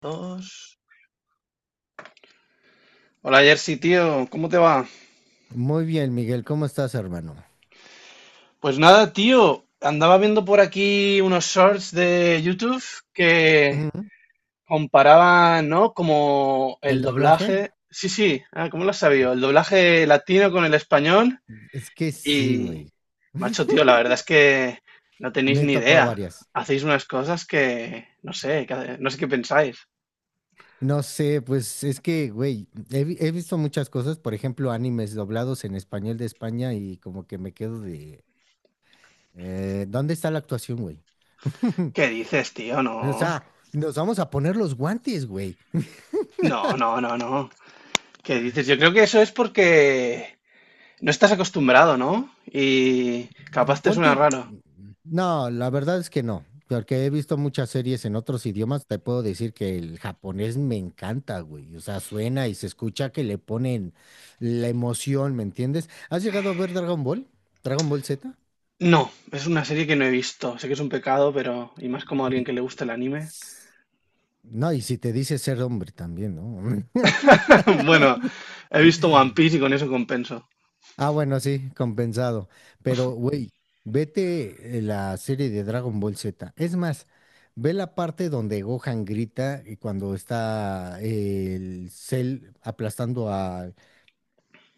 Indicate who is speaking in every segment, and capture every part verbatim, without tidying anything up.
Speaker 1: Dos. Hola Jersey, tío, ¿cómo te va?
Speaker 2: Muy bien, Miguel, ¿cómo estás, hermano?
Speaker 1: Pues nada, tío, andaba viendo por aquí unos shorts de YouTube que
Speaker 2: Ujú.
Speaker 1: comparaban, ¿no? Como
Speaker 2: ¿El
Speaker 1: el
Speaker 2: doblaje?
Speaker 1: doblaje. Sí, sí, ah, ¿cómo lo has sabido? El doblaje latino con el español.
Speaker 2: Es que sí,
Speaker 1: Y,
Speaker 2: güey.
Speaker 1: macho, tío, la verdad es que no tenéis
Speaker 2: Me he
Speaker 1: ni
Speaker 2: topado
Speaker 1: idea.
Speaker 2: varias.
Speaker 1: Hacéis unas cosas que, no sé, que- no sé qué pensáis.
Speaker 2: No sé, pues es que, güey, he, vi- he visto muchas cosas, por ejemplo, animes doblados en español de España y como que me quedo de, eh, ¿dónde está la actuación, güey?
Speaker 1: ¿Qué dices, tío?
Speaker 2: O
Speaker 1: No,
Speaker 2: sea, nos vamos a poner los guantes, güey.
Speaker 1: no, no, no, no. ¿Qué dices? Yo creo que eso es porque no estás acostumbrado, ¿no? Y capaz te
Speaker 2: Pon
Speaker 1: suena
Speaker 2: tú.
Speaker 1: raro.
Speaker 2: No, la verdad es que no. Porque he visto muchas series en otros idiomas. Te puedo decir que el japonés me encanta, güey. O sea, suena y se escucha que le ponen la emoción, ¿me entiendes? ¿Has llegado a ver Dragon Ball? ¿Dragon Ball Z?
Speaker 1: No, es una serie que no he visto. Sé que es un pecado, pero... Y más como a alguien que le gusta el anime.
Speaker 2: No, y si te dice ser hombre también, ¿no?
Speaker 1: Bueno, he visto One Piece y con eso compenso.
Speaker 2: Ah, bueno, sí, compensado. Pero, güey, vete eh, la serie de Dragon Ball Z. Es más, ve la parte donde Gohan grita y cuando está eh, el Cell aplastando a-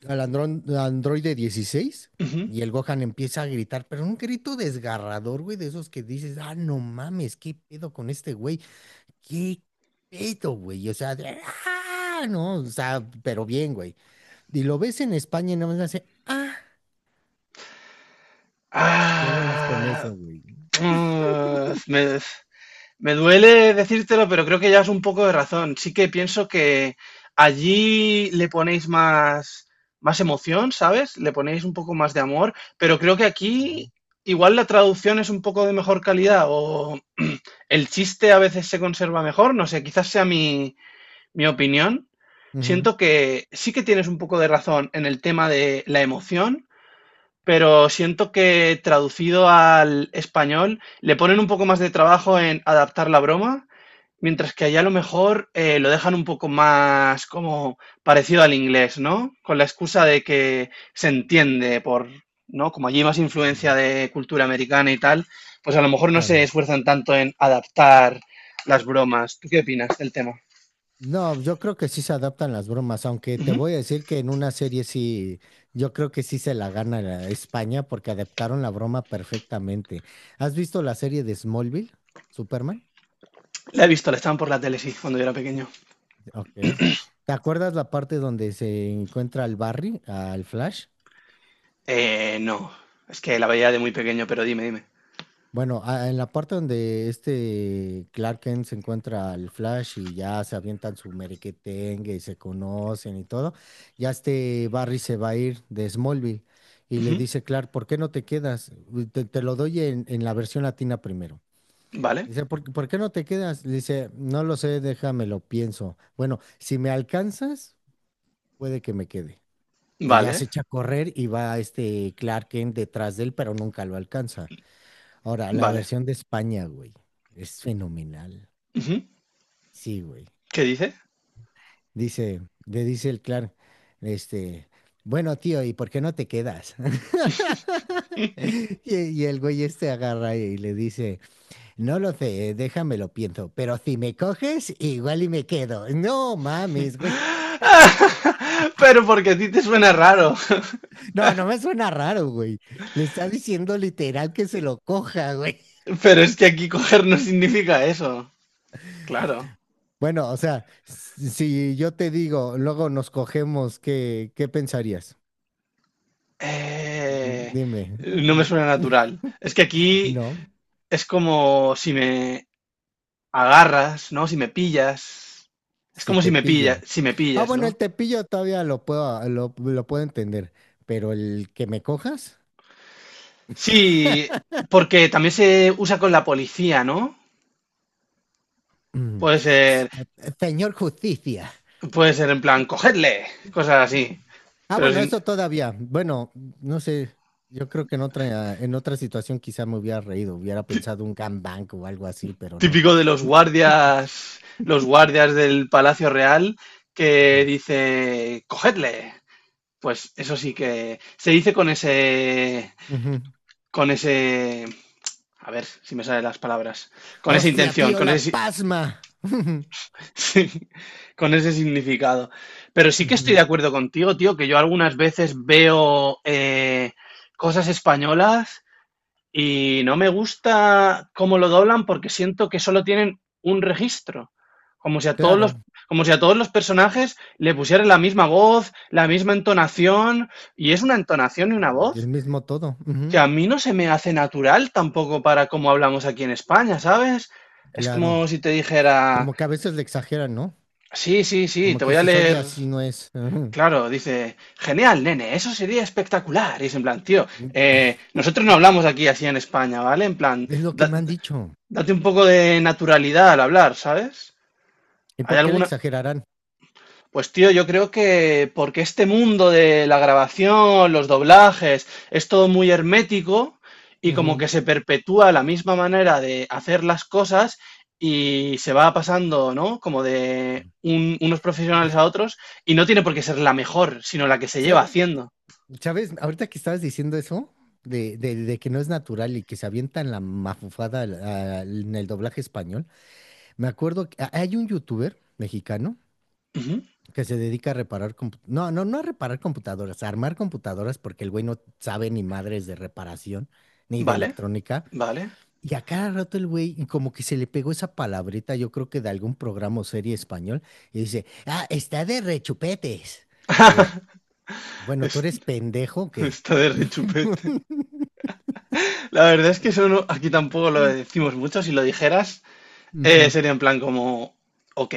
Speaker 2: al andrón- androide dieciséis
Speaker 1: Ujú.
Speaker 2: y el Gohan empieza a gritar, pero un grito desgarrador, güey, de esos que dices, ah, no mames, ¿qué pedo con este güey? ¿Qué pedo, güey? O sea, de, "Ah", no, o sea, pero bien, güey. Y lo ves en España y nada más hace, "Ah, Yo bolas con
Speaker 1: Ah,
Speaker 2: eso, güey.
Speaker 1: mm, me- me duele decírtelo, pero creo que llevas un poco de razón. Sí que pienso que allí le ponéis más, más emoción, ¿sabes? Le ponéis un poco más de amor, pero creo que aquí igual la traducción es un poco de mejor calidad o el chiste a veces se conserva mejor, no sé, quizás sea mi, mi opinión.
Speaker 2: Ujú,
Speaker 1: Siento que sí que tienes un poco de razón en el tema de la emoción, pero siento que traducido al español le ponen un poco más de trabajo en adaptar la broma. Mientras que allá a lo mejor eh, lo dejan un poco más como parecido al inglés, ¿no? Con la excusa de que se entiende por, ¿no? Como allí hay más
Speaker 2: ujú,
Speaker 1: influencia de cultura americana y tal, pues a lo mejor no se
Speaker 2: claro.
Speaker 1: esfuerzan tanto en adaptar las bromas. ¿Tú qué opinas del tema?
Speaker 2: No, yo creo que sí se adaptan las bromas, aunque te
Speaker 1: Ujú.
Speaker 2: voy a decir que en una serie sí, yo creo que sí se la gana la España porque adaptaron la broma perfectamente. ¿Has visto la serie de Smallville, Superman?
Speaker 1: La he visto, la estaban por la tele, sí, cuando yo era pequeño.
Speaker 2: Ok. ¿Te acuerdas la parte donde se encuentra al Barry, al Flash?
Speaker 1: Eh, no, es que la veía de muy pequeño, pero dime, dime.
Speaker 2: Bueno, a- en la parte donde este Clark Kent se encuentra al Flash y ya se avientan su merequetengue y se conocen y todo, ya este Barry se va a ir de Smallville y le
Speaker 1: Ujú.
Speaker 2: dice Clark, ¿por qué no te quedas? Uy, Te, te lo doy en, en la versión latina primero.
Speaker 1: Vale,
Speaker 2: Dice, ¿por, qué por qué no te quedas? Le dice, no lo sé, déjame lo pienso. Bueno, si me alcanzas, puede que me quede. Y ya
Speaker 1: vale,
Speaker 2: se echa a correr y va este Clark Kent detrás de él, pero nunca lo alcanza. Ahora, la
Speaker 1: vale.
Speaker 2: versión de España, güey, es fenomenal.
Speaker 1: Ujú.
Speaker 2: Sí, güey.
Speaker 1: ¿Qué dice?
Speaker 2: Dice, le dice el Clark, este, bueno, tío, ¿y por qué no te quedas? Y, y el güey este agarra y le dice, no lo sé, déjame lo pienso, pero si me coges, igual y me quedo. No mames, güey.
Speaker 1: Pero porque a ti te suena raro.
Speaker 2: No, no me suena raro, güey. Le está diciendo literal que se lo coja, güey.
Speaker 1: Pero es que aquí coger no significa eso. Claro.
Speaker 2: Bueno, o sea, si yo te digo, luego nos cogemos, ¿qué, qué pensarías?
Speaker 1: Eh,
Speaker 2: Dime,
Speaker 1: no me suena natural. Es que aquí
Speaker 2: no,
Speaker 1: es como si me agarras, ¿no? Si me pillas. Es
Speaker 2: si
Speaker 1: como si
Speaker 2: te
Speaker 1: me
Speaker 2: pillo.
Speaker 1: pillas, si me
Speaker 2: Ah,
Speaker 1: pillas,
Speaker 2: bueno, el
Speaker 1: ¿no?
Speaker 2: tepillo todavía lo puedo, lo, lo puedo entender, pero el que me cojas,
Speaker 1: Sí, porque también se usa con la policía, ¿no?
Speaker 2: mm,
Speaker 1: Puede
Speaker 2: s-
Speaker 1: ser,
Speaker 2: señor justicia.
Speaker 1: puede ser en plan, cogedle, cosas así.
Speaker 2: Ah,
Speaker 1: Pero
Speaker 2: bueno,
Speaker 1: si-
Speaker 2: eso todavía. Bueno, no sé, yo creo que en otra, en otra situación quizá me hubiera reído, hubiera pensado un gangbang o algo así, pero no.
Speaker 1: típico de los guardias, los guardias del Palacio Real que
Speaker 2: Ujú.
Speaker 1: dice, cogedle. Pues eso sí que se dice con ese,
Speaker 2: Ujú.
Speaker 1: con ese, a ver si me salen las palabras, con esa
Speaker 2: Hostia,
Speaker 1: intención,
Speaker 2: tío,
Speaker 1: con
Speaker 2: la
Speaker 1: ese,
Speaker 2: pasma.
Speaker 1: si- con ese significado. Pero sí que estoy
Speaker 2: Ujú.
Speaker 1: de acuerdo contigo, tío, que yo algunas veces veo eh, cosas españolas y no me gusta cómo lo doblan porque siento que solo tienen un registro. Como si a todos los,
Speaker 2: Claro,
Speaker 1: como si a todos los personajes le pusieran la misma voz, la misma entonación. Y es una entonación y una
Speaker 2: y el
Speaker 1: voz
Speaker 2: mismo todo.
Speaker 1: que
Speaker 2: Ujú.
Speaker 1: a mí no se me hace natural tampoco para cómo hablamos aquí en España, ¿sabes? Es
Speaker 2: Claro.
Speaker 1: como si te dijera,
Speaker 2: Como que a veces le exageran, ¿no?
Speaker 1: sí, sí, sí,
Speaker 2: Como
Speaker 1: te
Speaker 2: que
Speaker 1: voy a
Speaker 2: dices, oye,
Speaker 1: leer.
Speaker 2: así no es. Ujú.
Speaker 1: Claro, dice, genial, nene, eso sería espectacular. Y es en plan, tío, eh, nosotros no hablamos aquí así en España, ¿vale? En plan,
Speaker 2: Es lo que
Speaker 1: da-
Speaker 2: me han dicho.
Speaker 1: date un poco de naturalidad al hablar, ¿sabes?
Speaker 2: ¿Y
Speaker 1: Hay
Speaker 2: por qué le
Speaker 1: alguna.
Speaker 2: exagerarán?
Speaker 1: Pues tío, yo creo que porque este mundo de la grabación, los doblajes, es todo muy hermético y como
Speaker 2: Ujú.
Speaker 1: que se perpetúa la misma manera de hacer las cosas y se va pasando, ¿no? Como de un- unos profesionales a otros y no tiene por qué ser la mejor, sino la que se
Speaker 2: Sa-
Speaker 1: lleva haciendo.
Speaker 2: ¿Sabes? Ahorita que estabas diciendo eso, de, de- de que no es natural y que se avientan la mafufada al- al- en el doblaje español, me acuerdo que a- hay un youtuber mexicano
Speaker 1: Ujú,
Speaker 2: que se dedica a reparar compu- no, no, no a reparar computadoras, a armar computadoras porque el güey no sabe ni madres de reparación ni de
Speaker 1: vale,
Speaker 2: electrónica.
Speaker 1: vale.
Speaker 2: Y a cada rato el güey y como que se le pegó esa palabrita, yo creo que de algún programa o serie español, y dice, ah, está de rechupetes. Digo, bueno, tú
Speaker 1: Es-
Speaker 2: eres pendejo que...
Speaker 1: Está de rechupete. La verdad es que eso no- aquí tampoco lo decimos mucho. Si lo dijeras, eh, sería en plan como, ok,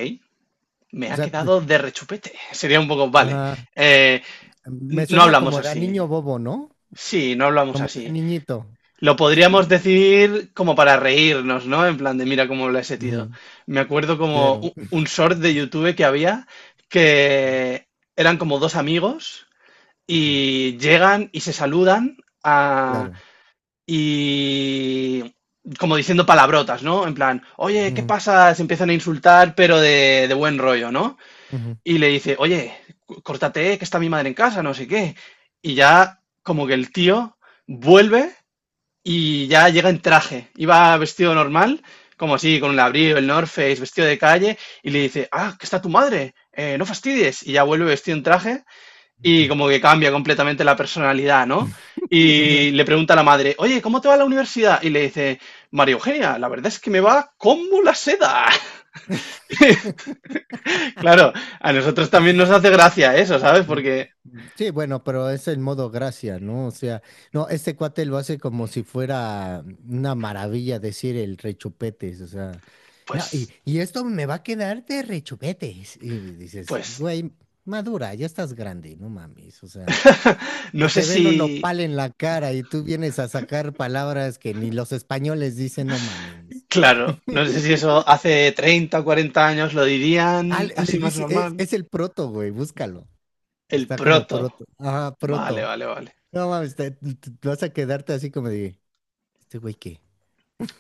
Speaker 1: me
Speaker 2: O
Speaker 1: ha
Speaker 2: sea, te-
Speaker 1: quedado de rechupete. Sería un poco, vale.
Speaker 2: ah,
Speaker 1: eh,
Speaker 2: me
Speaker 1: n- no
Speaker 2: suena
Speaker 1: hablamos
Speaker 2: como de a
Speaker 1: así.
Speaker 2: niño bobo, ¿no?
Speaker 1: Sí, no hablamos
Speaker 2: Como de a
Speaker 1: así.
Speaker 2: niñito.
Speaker 1: Lo podríamos decir como para reírnos, ¿no? En plan de, mira cómo lo he sentido.
Speaker 2: Ujú.
Speaker 1: Me acuerdo como
Speaker 2: Claro.
Speaker 1: u- un short de YouTube que había que eran como dos amigos
Speaker 2: Ujú.
Speaker 1: y llegan y se saludan
Speaker 2: Claro.
Speaker 1: y como diciendo palabrotas, ¿no? En plan, oye, ¿qué
Speaker 2: Ujú,
Speaker 1: pasa? Se empiezan a insultar, pero de, de buen rollo, ¿no?
Speaker 2: ujú,
Speaker 1: Y le dice, oye, cu- córtate, que está mi madre en casa, no sé qué. Y ya como que el tío vuelve y ya llega en traje. Iba vestido normal, como así, con un abrigo, el North Face, vestido de calle, y le dice, ah, que está tu madre, eh, no fastidies. Y ya vuelve vestido en traje y como que cambia completamente la personalidad, ¿no?
Speaker 2: ujú.
Speaker 1: Y le pregunta a la madre, oye, ¿cómo te va la universidad? Y le dice, María Eugenia, la verdad es que me va como la seda. Claro, a nosotros también nos hace gracia eso, ¿sabes?
Speaker 2: Mm,
Speaker 1: Porque,
Speaker 2: sí, bueno, pero es el modo gracia, ¿no? O sea, no, este cuate lo hace como si fuera una maravilla decir el rechupetes, o sea, no, y,
Speaker 1: pues,
Speaker 2: y esto me va a quedar de rechupetes. Y dices,
Speaker 1: pues,
Speaker 2: güey, madura, ya estás grande, no mames, o sea,
Speaker 1: no
Speaker 2: se
Speaker 1: sé
Speaker 2: te ve el
Speaker 1: si,
Speaker 2: nopal en la cara y tú vienes a sacar palabras que ni los españoles dicen, no mames.
Speaker 1: claro, no sé si eso hace treinta, o cuarenta años lo dirían
Speaker 2: Ah, le
Speaker 1: así
Speaker 2: le
Speaker 1: más
Speaker 2: dice,
Speaker 1: normal.
Speaker 2: es, es el proto, güey, búscalo.
Speaker 1: El
Speaker 2: Está como
Speaker 1: proto.
Speaker 2: proto. Ajá,
Speaker 1: Vale,
Speaker 2: proto.
Speaker 1: vale, vale.
Speaker 2: No mames, te, te- te vas a quedarte así como de, ¿este güey qué?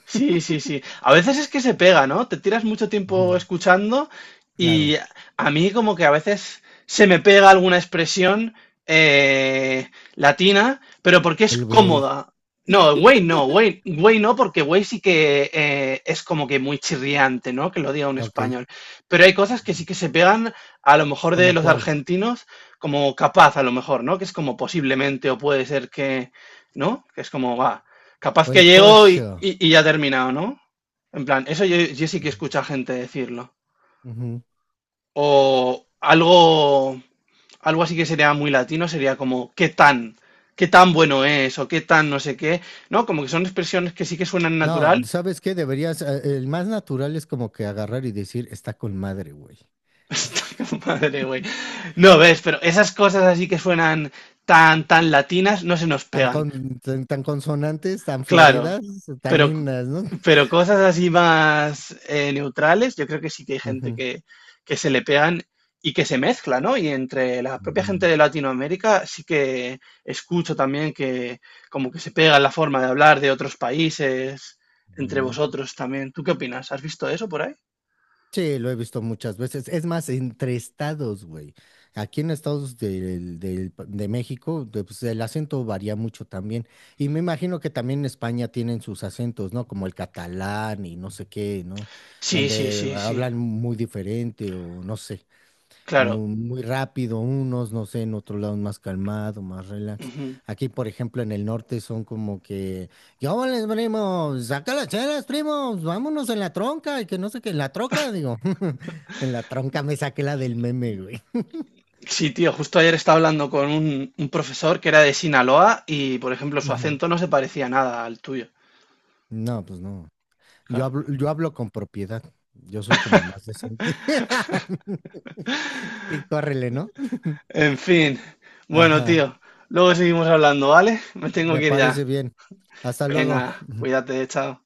Speaker 1: Sí, sí, sí. A veces es que se pega, ¿no? Te tiras mucho tiempo
Speaker 2: Ujú.
Speaker 1: escuchando y
Speaker 2: Claro,
Speaker 1: a mí como que a veces se me pega alguna expresión eh, latina, pero porque es
Speaker 2: el güey,
Speaker 1: cómoda. No, güey no, güey, güey no, porque güey sí que eh, es como que muy chirriante, ¿no? Que lo diga un
Speaker 2: ok,
Speaker 1: español. Pero hay cosas que sí que se pegan a lo mejor de
Speaker 2: ¿como
Speaker 1: los
Speaker 2: cuál?
Speaker 1: argentinos como capaz, a lo mejor, ¿no? Que es como posiblemente o puede ser que, ¿no? Que es como va. Capaz
Speaker 2: O el
Speaker 1: que llego y,
Speaker 2: pollo.
Speaker 1: y- y ya ha terminado, ¿no? En plan, eso yo, yo sí que escucho a gente decirlo.
Speaker 2: Ujú.
Speaker 1: O algo, algo así que sería muy latino, sería como, ¿qué tan? ¿Qué tan bueno es? O qué tan no sé qué. ¿No? Como que son expresiones que sí que suenan
Speaker 2: No,
Speaker 1: natural.
Speaker 2: ¿sabes qué? Deberías, eh, el más natural es como que agarrar y decir, está con madre, güey.
Speaker 1: Está como, madre, güey. No ves, pero esas cosas así que suenan tan, tan latinas no se nos
Speaker 2: Tan,
Speaker 1: pegan.
Speaker 2: con- tan, tan consonantes, tan
Speaker 1: Claro.
Speaker 2: floridas, tan
Speaker 1: Pero
Speaker 2: lindas, ¿no?
Speaker 1: Pero cosas así más eh, neutrales, yo creo que sí que hay gente
Speaker 2: Ujú,
Speaker 1: que, que se le pegan y que se mezcla, ¿no? Y entre la propia
Speaker 2: ujú,
Speaker 1: gente de Latinoamérica sí que escucho también que como que se pega la forma de hablar de otros países entre
Speaker 2: ujú.
Speaker 1: vosotros también. ¿Tú qué opinas? ¿Has visto eso por ahí?
Speaker 2: Sí, lo he visto muchas veces. Es más, entre estados, güey. Aquí en estados del- del pa- de México, de- pues, el acento varía mucho también. Y me imagino que también en España tienen sus acentos, ¿no? Como el catalán y no sé qué, ¿no?
Speaker 1: Sí, sí,
Speaker 2: Donde
Speaker 1: sí, sí,
Speaker 2: hablan muy diferente o no sé
Speaker 1: claro.
Speaker 2: mu- muy, rápido unos, no sé, en otro lado más calmado, más relax.
Speaker 1: Ujú.
Speaker 2: Aquí, por ejemplo, en el norte son como que, ¿qué les primos? Saca las chelas, primos, vámonos en la tronca, y que no sé qué, en la troca, digo, en la tronca me saqué la del meme, güey.
Speaker 1: Sí, tío, justo ayer estaba hablando con un, un profesor que era de Sinaloa y, por ejemplo, su
Speaker 2: Ujú.
Speaker 1: acento no se parecía nada al tuyo.
Speaker 2: No, pues no. Yo
Speaker 1: Claro.
Speaker 2: hablo, yo hablo con propiedad. Yo soy como más decente. Y córrele, ¿no?
Speaker 1: En fin, bueno,
Speaker 2: Ajá.
Speaker 1: tío, luego seguimos hablando, ¿vale? Me tengo
Speaker 2: Me
Speaker 1: que ir ya.
Speaker 2: parece bien. Hasta luego.
Speaker 1: Venga, cuídate, chao.